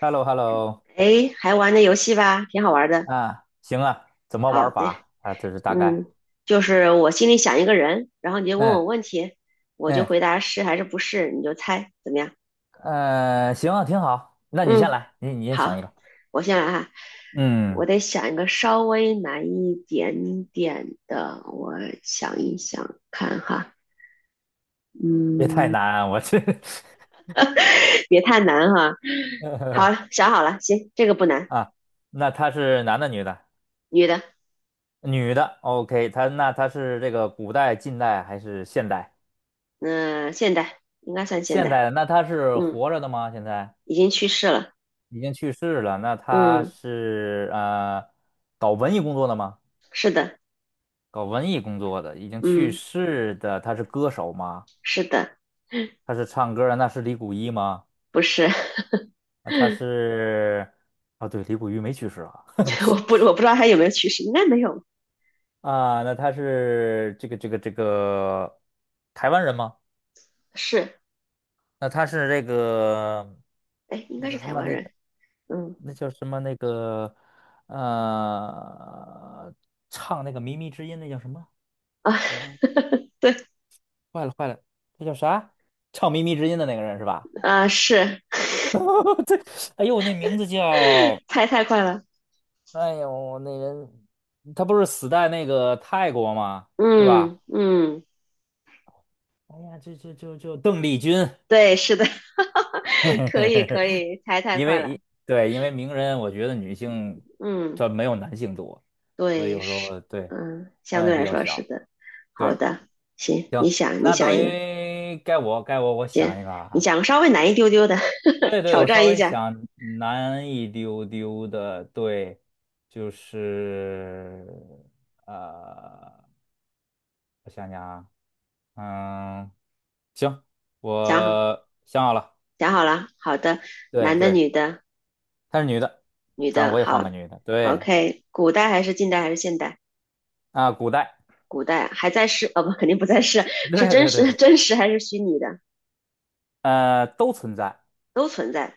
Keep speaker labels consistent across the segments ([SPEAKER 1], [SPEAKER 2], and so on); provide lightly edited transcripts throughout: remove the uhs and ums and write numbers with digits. [SPEAKER 1] h e l l o h e l l o。
[SPEAKER 2] 哎，还玩那游戏吧，挺好玩的。
[SPEAKER 1] 啊，行啊，怎么
[SPEAKER 2] 好
[SPEAKER 1] 玩
[SPEAKER 2] 的，
[SPEAKER 1] 法啊？这是大概。
[SPEAKER 2] 嗯，就是我心里想一个人，然后你就问我
[SPEAKER 1] 嗯
[SPEAKER 2] 问题，我就
[SPEAKER 1] 嗯。
[SPEAKER 2] 回答是还是不是，你就猜，怎么样？
[SPEAKER 1] 行啊，挺好。那你先
[SPEAKER 2] 嗯，
[SPEAKER 1] 来，你先想
[SPEAKER 2] 好，
[SPEAKER 1] 一个。
[SPEAKER 2] 我先来哈。我
[SPEAKER 1] 嗯，
[SPEAKER 2] 得想一个稍微难一点点的，我想一想看哈，
[SPEAKER 1] 别太
[SPEAKER 2] 嗯，
[SPEAKER 1] 难，我这。
[SPEAKER 2] 别太难哈。好，想好了，行，这个不 难。
[SPEAKER 1] 啊，那他是男的女的？
[SPEAKER 2] 女的。
[SPEAKER 1] 女的，OK，那他是这个古代、近代还是现代？
[SPEAKER 2] 嗯、现代应该算现
[SPEAKER 1] 现代
[SPEAKER 2] 代。
[SPEAKER 1] 的，那他是
[SPEAKER 2] 嗯，
[SPEAKER 1] 活着的吗？现在
[SPEAKER 2] 已经去世了。
[SPEAKER 1] 已经去世了。那他
[SPEAKER 2] 嗯，
[SPEAKER 1] 是搞文艺工作的吗？
[SPEAKER 2] 是的。
[SPEAKER 1] 搞文艺工作的，已经去
[SPEAKER 2] 嗯，
[SPEAKER 1] 世的，他是歌手吗？
[SPEAKER 2] 是的。
[SPEAKER 1] 他是唱歌的，那是李谷一吗？
[SPEAKER 2] 不是。
[SPEAKER 1] 那他是啊，对，李谷一没去世啊。
[SPEAKER 2] 我不 我不知道他有没有去世，应该没有。
[SPEAKER 1] 啊，那他是这个台湾人吗？
[SPEAKER 2] 是。
[SPEAKER 1] 那他是这个
[SPEAKER 2] 哎，应
[SPEAKER 1] 那
[SPEAKER 2] 该是
[SPEAKER 1] 叫什
[SPEAKER 2] 台
[SPEAKER 1] 么？
[SPEAKER 2] 湾
[SPEAKER 1] 那叫
[SPEAKER 2] 人。嗯
[SPEAKER 1] 那叫什么？呃，唱那个《靡靡之音》那叫什么？
[SPEAKER 2] 啊。
[SPEAKER 1] 呃，
[SPEAKER 2] 对
[SPEAKER 1] 坏了坏了，那叫啥？唱《靡靡之音》的那个人是吧？
[SPEAKER 2] 啊。是。
[SPEAKER 1] 对，哎呦，那名字叫。
[SPEAKER 2] 猜太快了。
[SPEAKER 1] 哎呦，那人他不是死在那个泰国吗？是吧？
[SPEAKER 2] 嗯嗯，
[SPEAKER 1] 哎呀，这就邓丽君。
[SPEAKER 2] 对，是的。
[SPEAKER 1] 嘿 嘿
[SPEAKER 2] 可
[SPEAKER 1] 嘿
[SPEAKER 2] 以
[SPEAKER 1] 嘿。
[SPEAKER 2] 可以，猜太
[SPEAKER 1] 因
[SPEAKER 2] 快了。
[SPEAKER 1] 为对，因为名人，我觉得女性
[SPEAKER 2] 嗯，
[SPEAKER 1] 这没有男性多，所以
[SPEAKER 2] 对，
[SPEAKER 1] 有时
[SPEAKER 2] 是。
[SPEAKER 1] 候，对，
[SPEAKER 2] 相
[SPEAKER 1] 范围
[SPEAKER 2] 对
[SPEAKER 1] 比
[SPEAKER 2] 来
[SPEAKER 1] 较
[SPEAKER 2] 说是
[SPEAKER 1] 小。
[SPEAKER 2] 的。好
[SPEAKER 1] 对，
[SPEAKER 2] 的。行，
[SPEAKER 1] 行，
[SPEAKER 2] 你想你
[SPEAKER 1] 那
[SPEAKER 2] 想
[SPEAKER 1] 等
[SPEAKER 2] 一个。
[SPEAKER 1] 于该我
[SPEAKER 2] 姐，
[SPEAKER 1] 想一个
[SPEAKER 2] 你
[SPEAKER 1] 啊。
[SPEAKER 2] 想个稍微难一丢丢的。
[SPEAKER 1] 对 对，
[SPEAKER 2] 挑
[SPEAKER 1] 我稍
[SPEAKER 2] 战一
[SPEAKER 1] 微
[SPEAKER 2] 下。
[SPEAKER 1] 想难一丢丢的，对，就是呃，我想想啊，嗯，行，
[SPEAKER 2] 想好
[SPEAKER 1] 我想好了。
[SPEAKER 2] 想好了，好的。
[SPEAKER 1] 对
[SPEAKER 2] 男的
[SPEAKER 1] 对，
[SPEAKER 2] 女的？
[SPEAKER 1] 她是女的，
[SPEAKER 2] 女
[SPEAKER 1] 咱
[SPEAKER 2] 的，
[SPEAKER 1] 我也换个
[SPEAKER 2] 好
[SPEAKER 1] 女的，对
[SPEAKER 2] ，OK,古代还是近代还是现代？
[SPEAKER 1] 啊，古代，
[SPEAKER 2] 古代还在世，哦不，肯定不在世。是
[SPEAKER 1] 对
[SPEAKER 2] 真
[SPEAKER 1] 对对
[SPEAKER 2] 实
[SPEAKER 1] 对，
[SPEAKER 2] 真实还是虚拟的？
[SPEAKER 1] 都存在，
[SPEAKER 2] 都存在。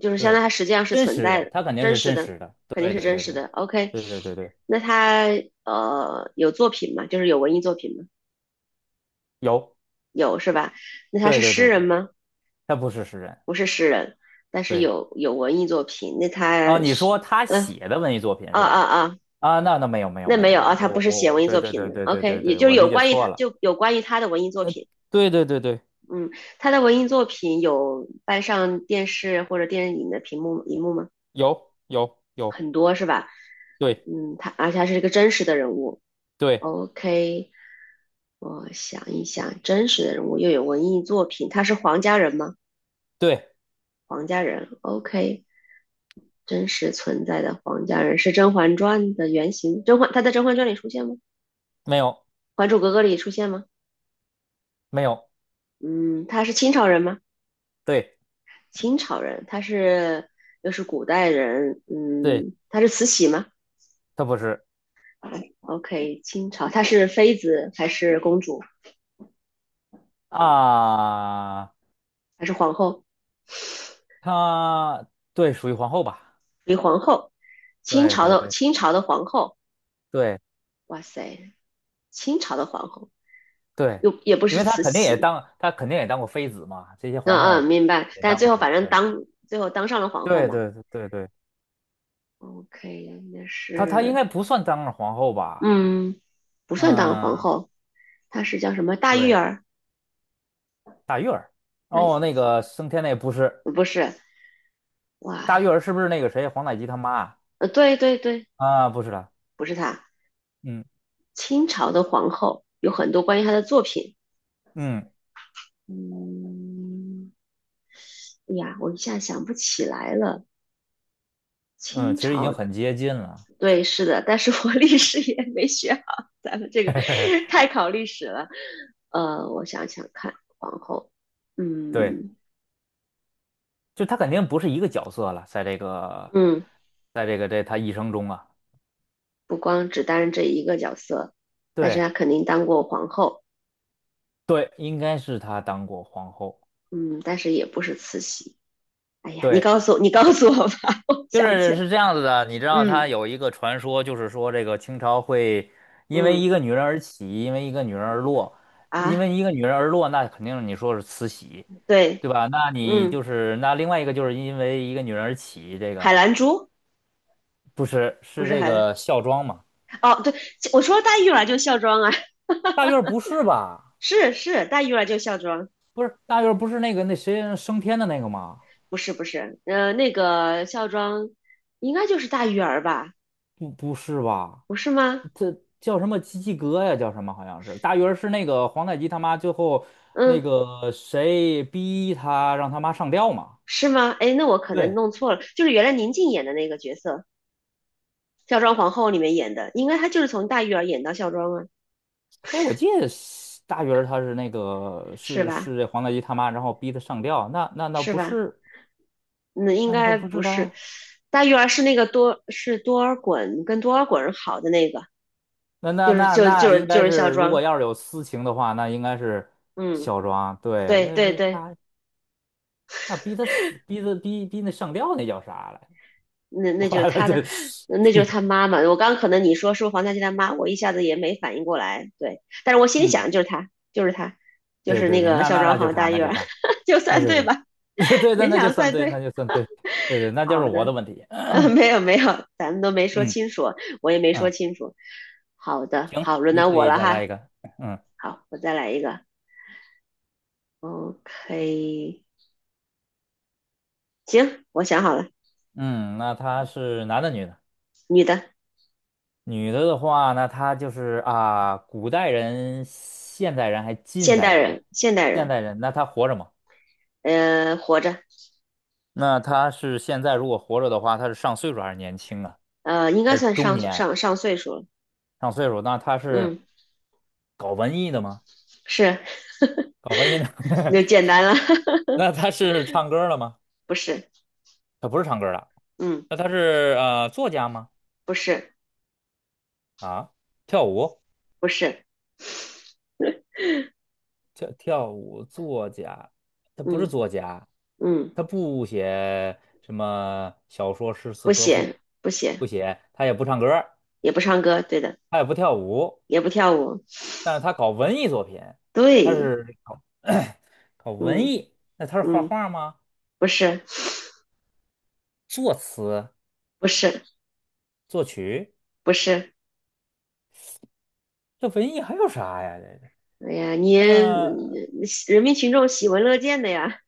[SPEAKER 2] 就是相当于
[SPEAKER 1] 对，
[SPEAKER 2] 它实际上是
[SPEAKER 1] 真
[SPEAKER 2] 存
[SPEAKER 1] 实
[SPEAKER 2] 在
[SPEAKER 1] 的，
[SPEAKER 2] 的。
[SPEAKER 1] 她肯定
[SPEAKER 2] 真
[SPEAKER 1] 是
[SPEAKER 2] 实
[SPEAKER 1] 真
[SPEAKER 2] 的，
[SPEAKER 1] 实的，
[SPEAKER 2] 肯定
[SPEAKER 1] 对
[SPEAKER 2] 是
[SPEAKER 1] 对
[SPEAKER 2] 真
[SPEAKER 1] 对
[SPEAKER 2] 实
[SPEAKER 1] 对
[SPEAKER 2] 的。OK,
[SPEAKER 1] 对对对对。
[SPEAKER 2] 那他有作品吗？就是有文艺作品吗？
[SPEAKER 1] 有，
[SPEAKER 2] 有是吧？那他
[SPEAKER 1] 对
[SPEAKER 2] 是
[SPEAKER 1] 对
[SPEAKER 2] 诗
[SPEAKER 1] 对
[SPEAKER 2] 人
[SPEAKER 1] 对，
[SPEAKER 2] 吗？
[SPEAKER 1] 她不是诗人。
[SPEAKER 2] 不是诗人，但是
[SPEAKER 1] 对。
[SPEAKER 2] 有文艺作品。那
[SPEAKER 1] 哦，
[SPEAKER 2] 他
[SPEAKER 1] 你说
[SPEAKER 2] 是。
[SPEAKER 1] 他
[SPEAKER 2] 嗯、
[SPEAKER 1] 写的文艺作品
[SPEAKER 2] 啊
[SPEAKER 1] 是
[SPEAKER 2] 啊
[SPEAKER 1] 吧？
[SPEAKER 2] 啊，
[SPEAKER 1] 啊，那没有没有
[SPEAKER 2] 那
[SPEAKER 1] 没
[SPEAKER 2] 没
[SPEAKER 1] 有
[SPEAKER 2] 有
[SPEAKER 1] 没
[SPEAKER 2] 啊，
[SPEAKER 1] 有，
[SPEAKER 2] 他
[SPEAKER 1] 我
[SPEAKER 2] 不是
[SPEAKER 1] 我
[SPEAKER 2] 写
[SPEAKER 1] 我，
[SPEAKER 2] 文艺
[SPEAKER 1] 对
[SPEAKER 2] 作
[SPEAKER 1] 对
[SPEAKER 2] 品
[SPEAKER 1] 对
[SPEAKER 2] 的。
[SPEAKER 1] 对对
[SPEAKER 2] OK,
[SPEAKER 1] 对
[SPEAKER 2] 也
[SPEAKER 1] 对，
[SPEAKER 2] 就是
[SPEAKER 1] 我
[SPEAKER 2] 有
[SPEAKER 1] 理解
[SPEAKER 2] 关于
[SPEAKER 1] 错
[SPEAKER 2] 他，
[SPEAKER 1] 了。
[SPEAKER 2] 就有关于他的文艺作
[SPEAKER 1] 呃，
[SPEAKER 2] 品。
[SPEAKER 1] 对对对对。
[SPEAKER 2] 嗯，他的文艺作品有搬上电视或者电影的屏幕荧幕吗？
[SPEAKER 1] 有有有，
[SPEAKER 2] 很多是吧？
[SPEAKER 1] 对
[SPEAKER 2] 他而且他是一个真实的人物。
[SPEAKER 1] 对
[SPEAKER 2] OK,我想一想，真实的人物又有文艺作品，他是黄家人吗？
[SPEAKER 1] 对，
[SPEAKER 2] 黄家人，OK,真实存在的黄家人是《甄嬛传》的原型，甄嬛他在《甄嬛传》里出现吗？
[SPEAKER 1] 没有
[SPEAKER 2] 《还珠格格》里出现吗？
[SPEAKER 1] 没有，
[SPEAKER 2] 嗯，他是清朝人吗？
[SPEAKER 1] 对
[SPEAKER 2] 清朝人，他是又是古代人。
[SPEAKER 1] 对。
[SPEAKER 2] 嗯，他是慈禧吗？
[SPEAKER 1] 他不是
[SPEAKER 2] 哎，OK,清朝，她是妃子还是公主
[SPEAKER 1] 啊，
[SPEAKER 2] 还是皇后？
[SPEAKER 1] 他，对，属于皇后吧？
[SPEAKER 2] 李皇后。清
[SPEAKER 1] 对
[SPEAKER 2] 朝
[SPEAKER 1] 对
[SPEAKER 2] 的
[SPEAKER 1] 对
[SPEAKER 2] 清朝的皇后。
[SPEAKER 1] 对
[SPEAKER 2] 哇塞，清朝的皇后
[SPEAKER 1] 对，
[SPEAKER 2] 又也不
[SPEAKER 1] 因
[SPEAKER 2] 是
[SPEAKER 1] 为他
[SPEAKER 2] 慈
[SPEAKER 1] 肯定也
[SPEAKER 2] 禧。
[SPEAKER 1] 当他肯定也当过妃子嘛，这些
[SPEAKER 2] 嗯
[SPEAKER 1] 皇
[SPEAKER 2] 嗯，
[SPEAKER 1] 后
[SPEAKER 2] 明白。
[SPEAKER 1] 也
[SPEAKER 2] 但
[SPEAKER 1] 当
[SPEAKER 2] 最
[SPEAKER 1] 过
[SPEAKER 2] 后
[SPEAKER 1] 妃
[SPEAKER 2] 反正
[SPEAKER 1] 子，
[SPEAKER 2] 当最后当上了皇后
[SPEAKER 1] 对
[SPEAKER 2] 嘛。
[SPEAKER 1] 对对对对对。
[SPEAKER 2] OK,那
[SPEAKER 1] 他应
[SPEAKER 2] 是，
[SPEAKER 1] 该不算当了皇后吧？
[SPEAKER 2] 嗯，不算当皇
[SPEAKER 1] 嗯，
[SPEAKER 2] 后。她是叫什么大玉
[SPEAKER 1] 对，
[SPEAKER 2] 儿？
[SPEAKER 1] 大玉儿。
[SPEAKER 2] 大玉
[SPEAKER 1] 哦，那个升天那不是
[SPEAKER 2] 不是，
[SPEAKER 1] 大玉
[SPEAKER 2] 哇。
[SPEAKER 1] 儿，是不是那个谁黄太极他妈啊？
[SPEAKER 2] 对对对，
[SPEAKER 1] 啊，不是的。
[SPEAKER 2] 不是她。
[SPEAKER 1] 嗯
[SPEAKER 2] 清朝的皇后有很多关于她的作品。
[SPEAKER 1] 嗯
[SPEAKER 2] 嗯。哎呀，我一下想不起来了。
[SPEAKER 1] 嗯，
[SPEAKER 2] 清
[SPEAKER 1] 其实已经
[SPEAKER 2] 朝。
[SPEAKER 1] 很接近了。
[SPEAKER 2] 对，是的，但是我 历史也没学好。咱们这 个
[SPEAKER 1] 嘿嘿，
[SPEAKER 2] 太考历史了。我想想看，皇后。
[SPEAKER 1] 对，
[SPEAKER 2] 嗯
[SPEAKER 1] 就她肯定不是一个角色了，在这个，
[SPEAKER 2] 嗯。
[SPEAKER 1] 在这个这他一生中啊，
[SPEAKER 2] 不光只担任这一个角色，但是
[SPEAKER 1] 对
[SPEAKER 2] 她肯定当过皇后。
[SPEAKER 1] 对，应该是他当过皇后。
[SPEAKER 2] 嗯，但是也不是慈禧。哎呀，你
[SPEAKER 1] 对，
[SPEAKER 2] 告诉我，你告诉我吧，我
[SPEAKER 1] 就
[SPEAKER 2] 想不起
[SPEAKER 1] 是
[SPEAKER 2] 来。
[SPEAKER 1] 是这样子的，你知道他
[SPEAKER 2] 嗯
[SPEAKER 1] 有一个传说，就是说这个清朝会因为一
[SPEAKER 2] 嗯
[SPEAKER 1] 个女人而起，因为一个女人而落，因
[SPEAKER 2] 啊，
[SPEAKER 1] 为一个女人而落，那肯定你说是慈禧。
[SPEAKER 2] 对。
[SPEAKER 1] 对吧？那你就
[SPEAKER 2] 嗯，
[SPEAKER 1] 是那另外一个就是因为一个女人而起，这个
[SPEAKER 2] 海兰珠。
[SPEAKER 1] 不是
[SPEAKER 2] 不
[SPEAKER 1] 是
[SPEAKER 2] 是
[SPEAKER 1] 这
[SPEAKER 2] 海兰。
[SPEAKER 1] 个孝庄嘛？
[SPEAKER 2] 哦，对。我说大玉了就孝庄啊。
[SPEAKER 1] 大院儿不是吧？
[SPEAKER 2] 是是，大玉儿就孝庄。
[SPEAKER 1] 不是大院儿，不是那个那谁升天的那个吗？
[SPEAKER 2] 不是不是，那个孝庄应该就是大玉儿吧？
[SPEAKER 1] 不是吧？
[SPEAKER 2] 不是吗？
[SPEAKER 1] 这叫什么基基哥呀？叫什么？好像是大院儿是那个皇太极他妈最后那
[SPEAKER 2] 嗯，
[SPEAKER 1] 个谁逼他让他妈上吊嘛？
[SPEAKER 2] 是吗？哎，那我可能
[SPEAKER 1] 对，
[SPEAKER 2] 弄错了，就是原来宁静演的那个角色，孝庄皇后里面演的，应该她就是从大玉儿演到孝庄啊。
[SPEAKER 1] 哎，我记得是大鱼儿他是那个
[SPEAKER 2] 是
[SPEAKER 1] 是
[SPEAKER 2] 吧？
[SPEAKER 1] 是这皇太极他妈，然后逼他上吊，那
[SPEAKER 2] 是
[SPEAKER 1] 不
[SPEAKER 2] 吧？
[SPEAKER 1] 是
[SPEAKER 2] 嗯，应
[SPEAKER 1] 那个，他
[SPEAKER 2] 该
[SPEAKER 1] 不是
[SPEAKER 2] 不是。
[SPEAKER 1] 他。
[SPEAKER 2] 大玉儿是那个多是多尔衮跟多尔衮好的那个。
[SPEAKER 1] 那那
[SPEAKER 2] 就是
[SPEAKER 1] 那
[SPEAKER 2] 就
[SPEAKER 1] 那
[SPEAKER 2] 就是
[SPEAKER 1] 应该
[SPEAKER 2] 就是
[SPEAKER 1] 是，
[SPEAKER 2] 孝
[SPEAKER 1] 如果
[SPEAKER 2] 庄。
[SPEAKER 1] 要是有私情的话，那应该是
[SPEAKER 2] 嗯，
[SPEAKER 1] 小庄。对，
[SPEAKER 2] 对
[SPEAKER 1] 那
[SPEAKER 2] 对
[SPEAKER 1] 是
[SPEAKER 2] 对。
[SPEAKER 1] 他，那逼他死，逼他，逼那上吊那叫啥来？
[SPEAKER 2] 那 那就是
[SPEAKER 1] 完了，
[SPEAKER 2] 他的。
[SPEAKER 1] 这，
[SPEAKER 2] 那就是他妈妈。我刚可能你说是不是黄家驹他妈，我一下子也没反应过来。对，但是我心里
[SPEAKER 1] 嗯，
[SPEAKER 2] 想就是他，就是他，就
[SPEAKER 1] 对
[SPEAKER 2] 是
[SPEAKER 1] 对
[SPEAKER 2] 那
[SPEAKER 1] 对，
[SPEAKER 2] 个
[SPEAKER 1] 那
[SPEAKER 2] 孝
[SPEAKER 1] 那
[SPEAKER 2] 庄
[SPEAKER 1] 那就
[SPEAKER 2] 好
[SPEAKER 1] 是他，
[SPEAKER 2] 大
[SPEAKER 1] 那
[SPEAKER 2] 院
[SPEAKER 1] 就是
[SPEAKER 2] 儿，
[SPEAKER 1] 他，
[SPEAKER 2] 就
[SPEAKER 1] 对
[SPEAKER 2] 算
[SPEAKER 1] 对
[SPEAKER 2] 对吧？
[SPEAKER 1] 对， 对，那
[SPEAKER 2] 勉
[SPEAKER 1] 那就
[SPEAKER 2] 强
[SPEAKER 1] 算
[SPEAKER 2] 算
[SPEAKER 1] 对，那
[SPEAKER 2] 对。
[SPEAKER 1] 就算对，对对，那就是
[SPEAKER 2] 好
[SPEAKER 1] 我
[SPEAKER 2] 的。
[SPEAKER 1] 的问题。
[SPEAKER 2] 没有没有，咱们都没 说
[SPEAKER 1] 嗯
[SPEAKER 2] 清楚，我也没说
[SPEAKER 1] 嗯，
[SPEAKER 2] 清楚。好的，
[SPEAKER 1] 行，
[SPEAKER 2] 好，轮
[SPEAKER 1] 你
[SPEAKER 2] 到
[SPEAKER 1] 可
[SPEAKER 2] 我
[SPEAKER 1] 以
[SPEAKER 2] 了
[SPEAKER 1] 再来
[SPEAKER 2] 哈。
[SPEAKER 1] 一个。嗯
[SPEAKER 2] 好，我再来一个。OK,行，我想好了。
[SPEAKER 1] 嗯，那他是男的女的？
[SPEAKER 2] 女的。
[SPEAKER 1] 女的的话，那他就是啊，古代人、现代人还近
[SPEAKER 2] 现
[SPEAKER 1] 代
[SPEAKER 2] 代
[SPEAKER 1] 人，
[SPEAKER 2] 人，现代
[SPEAKER 1] 现
[SPEAKER 2] 人。
[SPEAKER 1] 代人，那他活着吗？
[SPEAKER 2] 活着。
[SPEAKER 1] 那他是现在如果活着的话，他是上岁数还是年轻啊？
[SPEAKER 2] 应
[SPEAKER 1] 还
[SPEAKER 2] 该
[SPEAKER 1] 是
[SPEAKER 2] 算
[SPEAKER 1] 中
[SPEAKER 2] 上
[SPEAKER 1] 年？
[SPEAKER 2] 上上岁数了。
[SPEAKER 1] 上岁数，那他是
[SPEAKER 2] 嗯，
[SPEAKER 1] 搞文艺的吗？
[SPEAKER 2] 是。
[SPEAKER 1] 搞文艺的。
[SPEAKER 2] 那 简单了。
[SPEAKER 1] 那他是唱歌的吗？
[SPEAKER 2] 不是。
[SPEAKER 1] 他不是唱歌的，
[SPEAKER 2] 嗯，
[SPEAKER 1] 那他是作家吗？
[SPEAKER 2] 不是。
[SPEAKER 1] 啊，跳舞，
[SPEAKER 2] 不是。
[SPEAKER 1] 跳跳舞作家，他不是
[SPEAKER 2] 嗯
[SPEAKER 1] 作家，
[SPEAKER 2] 嗯，
[SPEAKER 1] 他不写什么小说、诗词
[SPEAKER 2] 不
[SPEAKER 1] 歌赋，
[SPEAKER 2] 写不写。
[SPEAKER 1] 不写，他也不唱歌，
[SPEAKER 2] 也不唱歌，对的。
[SPEAKER 1] 他也不跳舞，
[SPEAKER 2] 也不跳舞，
[SPEAKER 1] 但是他搞文艺作品，他
[SPEAKER 2] 对。
[SPEAKER 1] 是搞。搞文
[SPEAKER 2] 嗯
[SPEAKER 1] 艺，那他是画
[SPEAKER 2] 嗯，
[SPEAKER 1] 画吗？
[SPEAKER 2] 不是
[SPEAKER 1] 作词、
[SPEAKER 2] 不是
[SPEAKER 1] 作曲，
[SPEAKER 2] 不是。
[SPEAKER 1] 这文艺还有啥呀？
[SPEAKER 2] 哎呀，你
[SPEAKER 1] 呃，
[SPEAKER 2] 人民群众喜闻乐见的呀。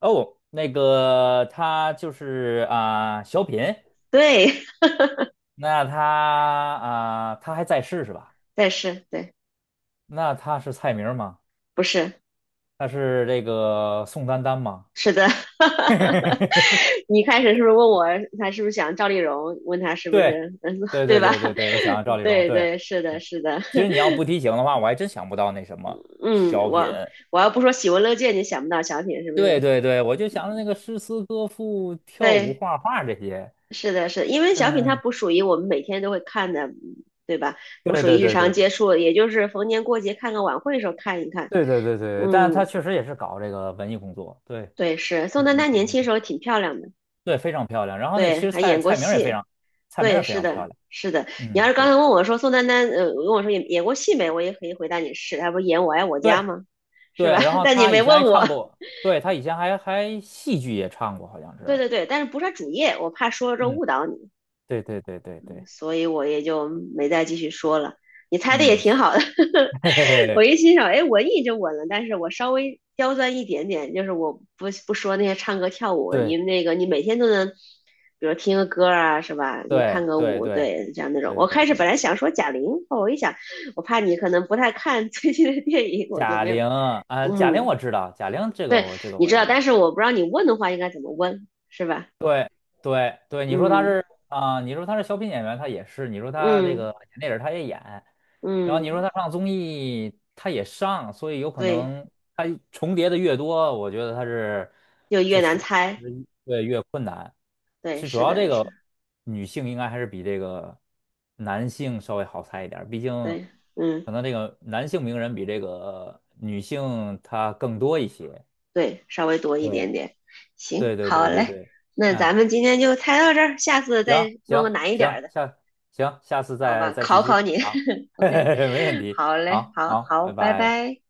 [SPEAKER 1] 哦，那个他就是啊、小品，
[SPEAKER 2] 对。
[SPEAKER 1] 那他啊、他还在世是吧？
[SPEAKER 2] 但是对。
[SPEAKER 1] 那他是蔡明吗？
[SPEAKER 2] 不是
[SPEAKER 1] 他是这个宋丹丹吗？
[SPEAKER 2] 是的。你开始是不是问我他是不是想赵丽蓉？问他是不
[SPEAKER 1] 对
[SPEAKER 2] 是。嗯，
[SPEAKER 1] 对
[SPEAKER 2] 对
[SPEAKER 1] 对
[SPEAKER 2] 吧？
[SPEAKER 1] 对对对，我想想赵 丽蓉，
[SPEAKER 2] 对
[SPEAKER 1] 对
[SPEAKER 2] 对，是的，
[SPEAKER 1] 对，
[SPEAKER 2] 是的。
[SPEAKER 1] 其 实你要不提醒的话，我还真想不到那什么
[SPEAKER 2] 嗯，
[SPEAKER 1] 小品。
[SPEAKER 2] 我我要不说喜闻乐见，你想不到小品是不
[SPEAKER 1] 对
[SPEAKER 2] 是？
[SPEAKER 1] 对对，我就想着那个诗词歌赋、跳舞、
[SPEAKER 2] 对，
[SPEAKER 1] 画画这些。
[SPEAKER 2] 是的。是的因为小品它
[SPEAKER 1] 嗯，
[SPEAKER 2] 不属于我们每天都会看的。嗯对吧？不
[SPEAKER 1] 对
[SPEAKER 2] 属
[SPEAKER 1] 对
[SPEAKER 2] 于日
[SPEAKER 1] 对对
[SPEAKER 2] 常接触，也就是逢年过节看个晚会的时候看一看。
[SPEAKER 1] 对对对对对，但是他
[SPEAKER 2] 嗯，
[SPEAKER 1] 确实也是搞这个文艺工作。对
[SPEAKER 2] 对，是宋
[SPEAKER 1] 对，
[SPEAKER 2] 丹
[SPEAKER 1] 没
[SPEAKER 2] 丹
[SPEAKER 1] 错
[SPEAKER 2] 年
[SPEAKER 1] 没
[SPEAKER 2] 轻时
[SPEAKER 1] 错。
[SPEAKER 2] 候挺漂亮的。
[SPEAKER 1] 对，非常漂亮。然后那其
[SPEAKER 2] 对，
[SPEAKER 1] 实
[SPEAKER 2] 还
[SPEAKER 1] 蔡
[SPEAKER 2] 演过
[SPEAKER 1] 蔡明儿也非
[SPEAKER 2] 戏。
[SPEAKER 1] 常，蔡明儿
[SPEAKER 2] 对，
[SPEAKER 1] 也非
[SPEAKER 2] 是
[SPEAKER 1] 常漂
[SPEAKER 2] 的，
[SPEAKER 1] 亮。
[SPEAKER 2] 是的。你要
[SPEAKER 1] 嗯，
[SPEAKER 2] 是刚
[SPEAKER 1] 对
[SPEAKER 2] 才问我说宋丹丹，问我说演过戏没，我也可以回答你是，她不是演《我爱我家》
[SPEAKER 1] 对
[SPEAKER 2] 吗？是
[SPEAKER 1] 对。
[SPEAKER 2] 吧？
[SPEAKER 1] 然 后
[SPEAKER 2] 但你
[SPEAKER 1] 他
[SPEAKER 2] 没
[SPEAKER 1] 以前
[SPEAKER 2] 问
[SPEAKER 1] 还唱
[SPEAKER 2] 我。
[SPEAKER 1] 过，对他以前还戏剧也唱过，好像
[SPEAKER 2] 对
[SPEAKER 1] 是。
[SPEAKER 2] 对对，但是不是她主业，我怕说了之后
[SPEAKER 1] 嗯，
[SPEAKER 2] 误导你，
[SPEAKER 1] 对对对对对，
[SPEAKER 2] 所以我也就没再继续说了。你猜的也
[SPEAKER 1] 嗯，
[SPEAKER 2] 挺好的。
[SPEAKER 1] 嘿嘿嘿，
[SPEAKER 2] 我一欣赏，哎，文艺就稳了。但是我稍微刁钻一点点，就是我不说那些唱歌跳舞。因
[SPEAKER 1] 对
[SPEAKER 2] 为那个你每天都能，比如听个歌啊，是吧？你
[SPEAKER 1] 对
[SPEAKER 2] 看个
[SPEAKER 1] 对
[SPEAKER 2] 舞，
[SPEAKER 1] 对
[SPEAKER 2] 对，这样那种。
[SPEAKER 1] 对
[SPEAKER 2] 我
[SPEAKER 1] 对
[SPEAKER 2] 开始
[SPEAKER 1] 对
[SPEAKER 2] 本来
[SPEAKER 1] 对。
[SPEAKER 2] 想说贾玲，后我一想，我怕你可能不太看 最近的电影，我就
[SPEAKER 1] 贾
[SPEAKER 2] 没有。
[SPEAKER 1] 玲啊，贾玲
[SPEAKER 2] 嗯，
[SPEAKER 1] 我知道，贾玲这个
[SPEAKER 2] 对，
[SPEAKER 1] 我这个
[SPEAKER 2] 你
[SPEAKER 1] 我
[SPEAKER 2] 知道，
[SPEAKER 1] 知
[SPEAKER 2] 但
[SPEAKER 1] 道，
[SPEAKER 2] 是我不知道你问的话应该怎么问，是吧？
[SPEAKER 1] 对对对，你说他
[SPEAKER 2] 嗯
[SPEAKER 1] 是啊、你说他是小品演员，他也是；你说他这
[SPEAKER 2] 嗯
[SPEAKER 1] 个演电影，他也演；然后你说
[SPEAKER 2] 嗯，
[SPEAKER 1] 他上综艺，他也上，所以有可
[SPEAKER 2] 对，
[SPEAKER 1] 能他重叠的越多，我觉得他是
[SPEAKER 2] 就
[SPEAKER 1] 就
[SPEAKER 2] 越难
[SPEAKER 1] 他
[SPEAKER 2] 猜。
[SPEAKER 1] 对越困难。其
[SPEAKER 2] 对，
[SPEAKER 1] 实主
[SPEAKER 2] 是
[SPEAKER 1] 要这
[SPEAKER 2] 的，是。
[SPEAKER 1] 个女性应该还是比这个男性稍微好猜一点儿毕竟
[SPEAKER 2] 对。嗯。
[SPEAKER 1] 可能这个男性名人比这个女性她更多一些。
[SPEAKER 2] 对，稍微多一点
[SPEAKER 1] 对
[SPEAKER 2] 点。
[SPEAKER 1] 对
[SPEAKER 2] 行，
[SPEAKER 1] 对
[SPEAKER 2] 好
[SPEAKER 1] 对对
[SPEAKER 2] 嘞。
[SPEAKER 1] 对，
[SPEAKER 2] 那
[SPEAKER 1] 嗯。
[SPEAKER 2] 咱们今天就猜到这儿，下次
[SPEAKER 1] 行
[SPEAKER 2] 再弄个
[SPEAKER 1] 行
[SPEAKER 2] 难一点儿
[SPEAKER 1] 行，
[SPEAKER 2] 的。
[SPEAKER 1] 行下次
[SPEAKER 2] 好
[SPEAKER 1] 再
[SPEAKER 2] 吧？
[SPEAKER 1] 再继
[SPEAKER 2] 考
[SPEAKER 1] 续，
[SPEAKER 2] 考你。
[SPEAKER 1] 好，
[SPEAKER 2] OK,
[SPEAKER 1] 没问题，
[SPEAKER 2] 好嘞，
[SPEAKER 1] 好
[SPEAKER 2] 好
[SPEAKER 1] 好，
[SPEAKER 2] 好，
[SPEAKER 1] 拜
[SPEAKER 2] 拜
[SPEAKER 1] 拜。
[SPEAKER 2] 拜。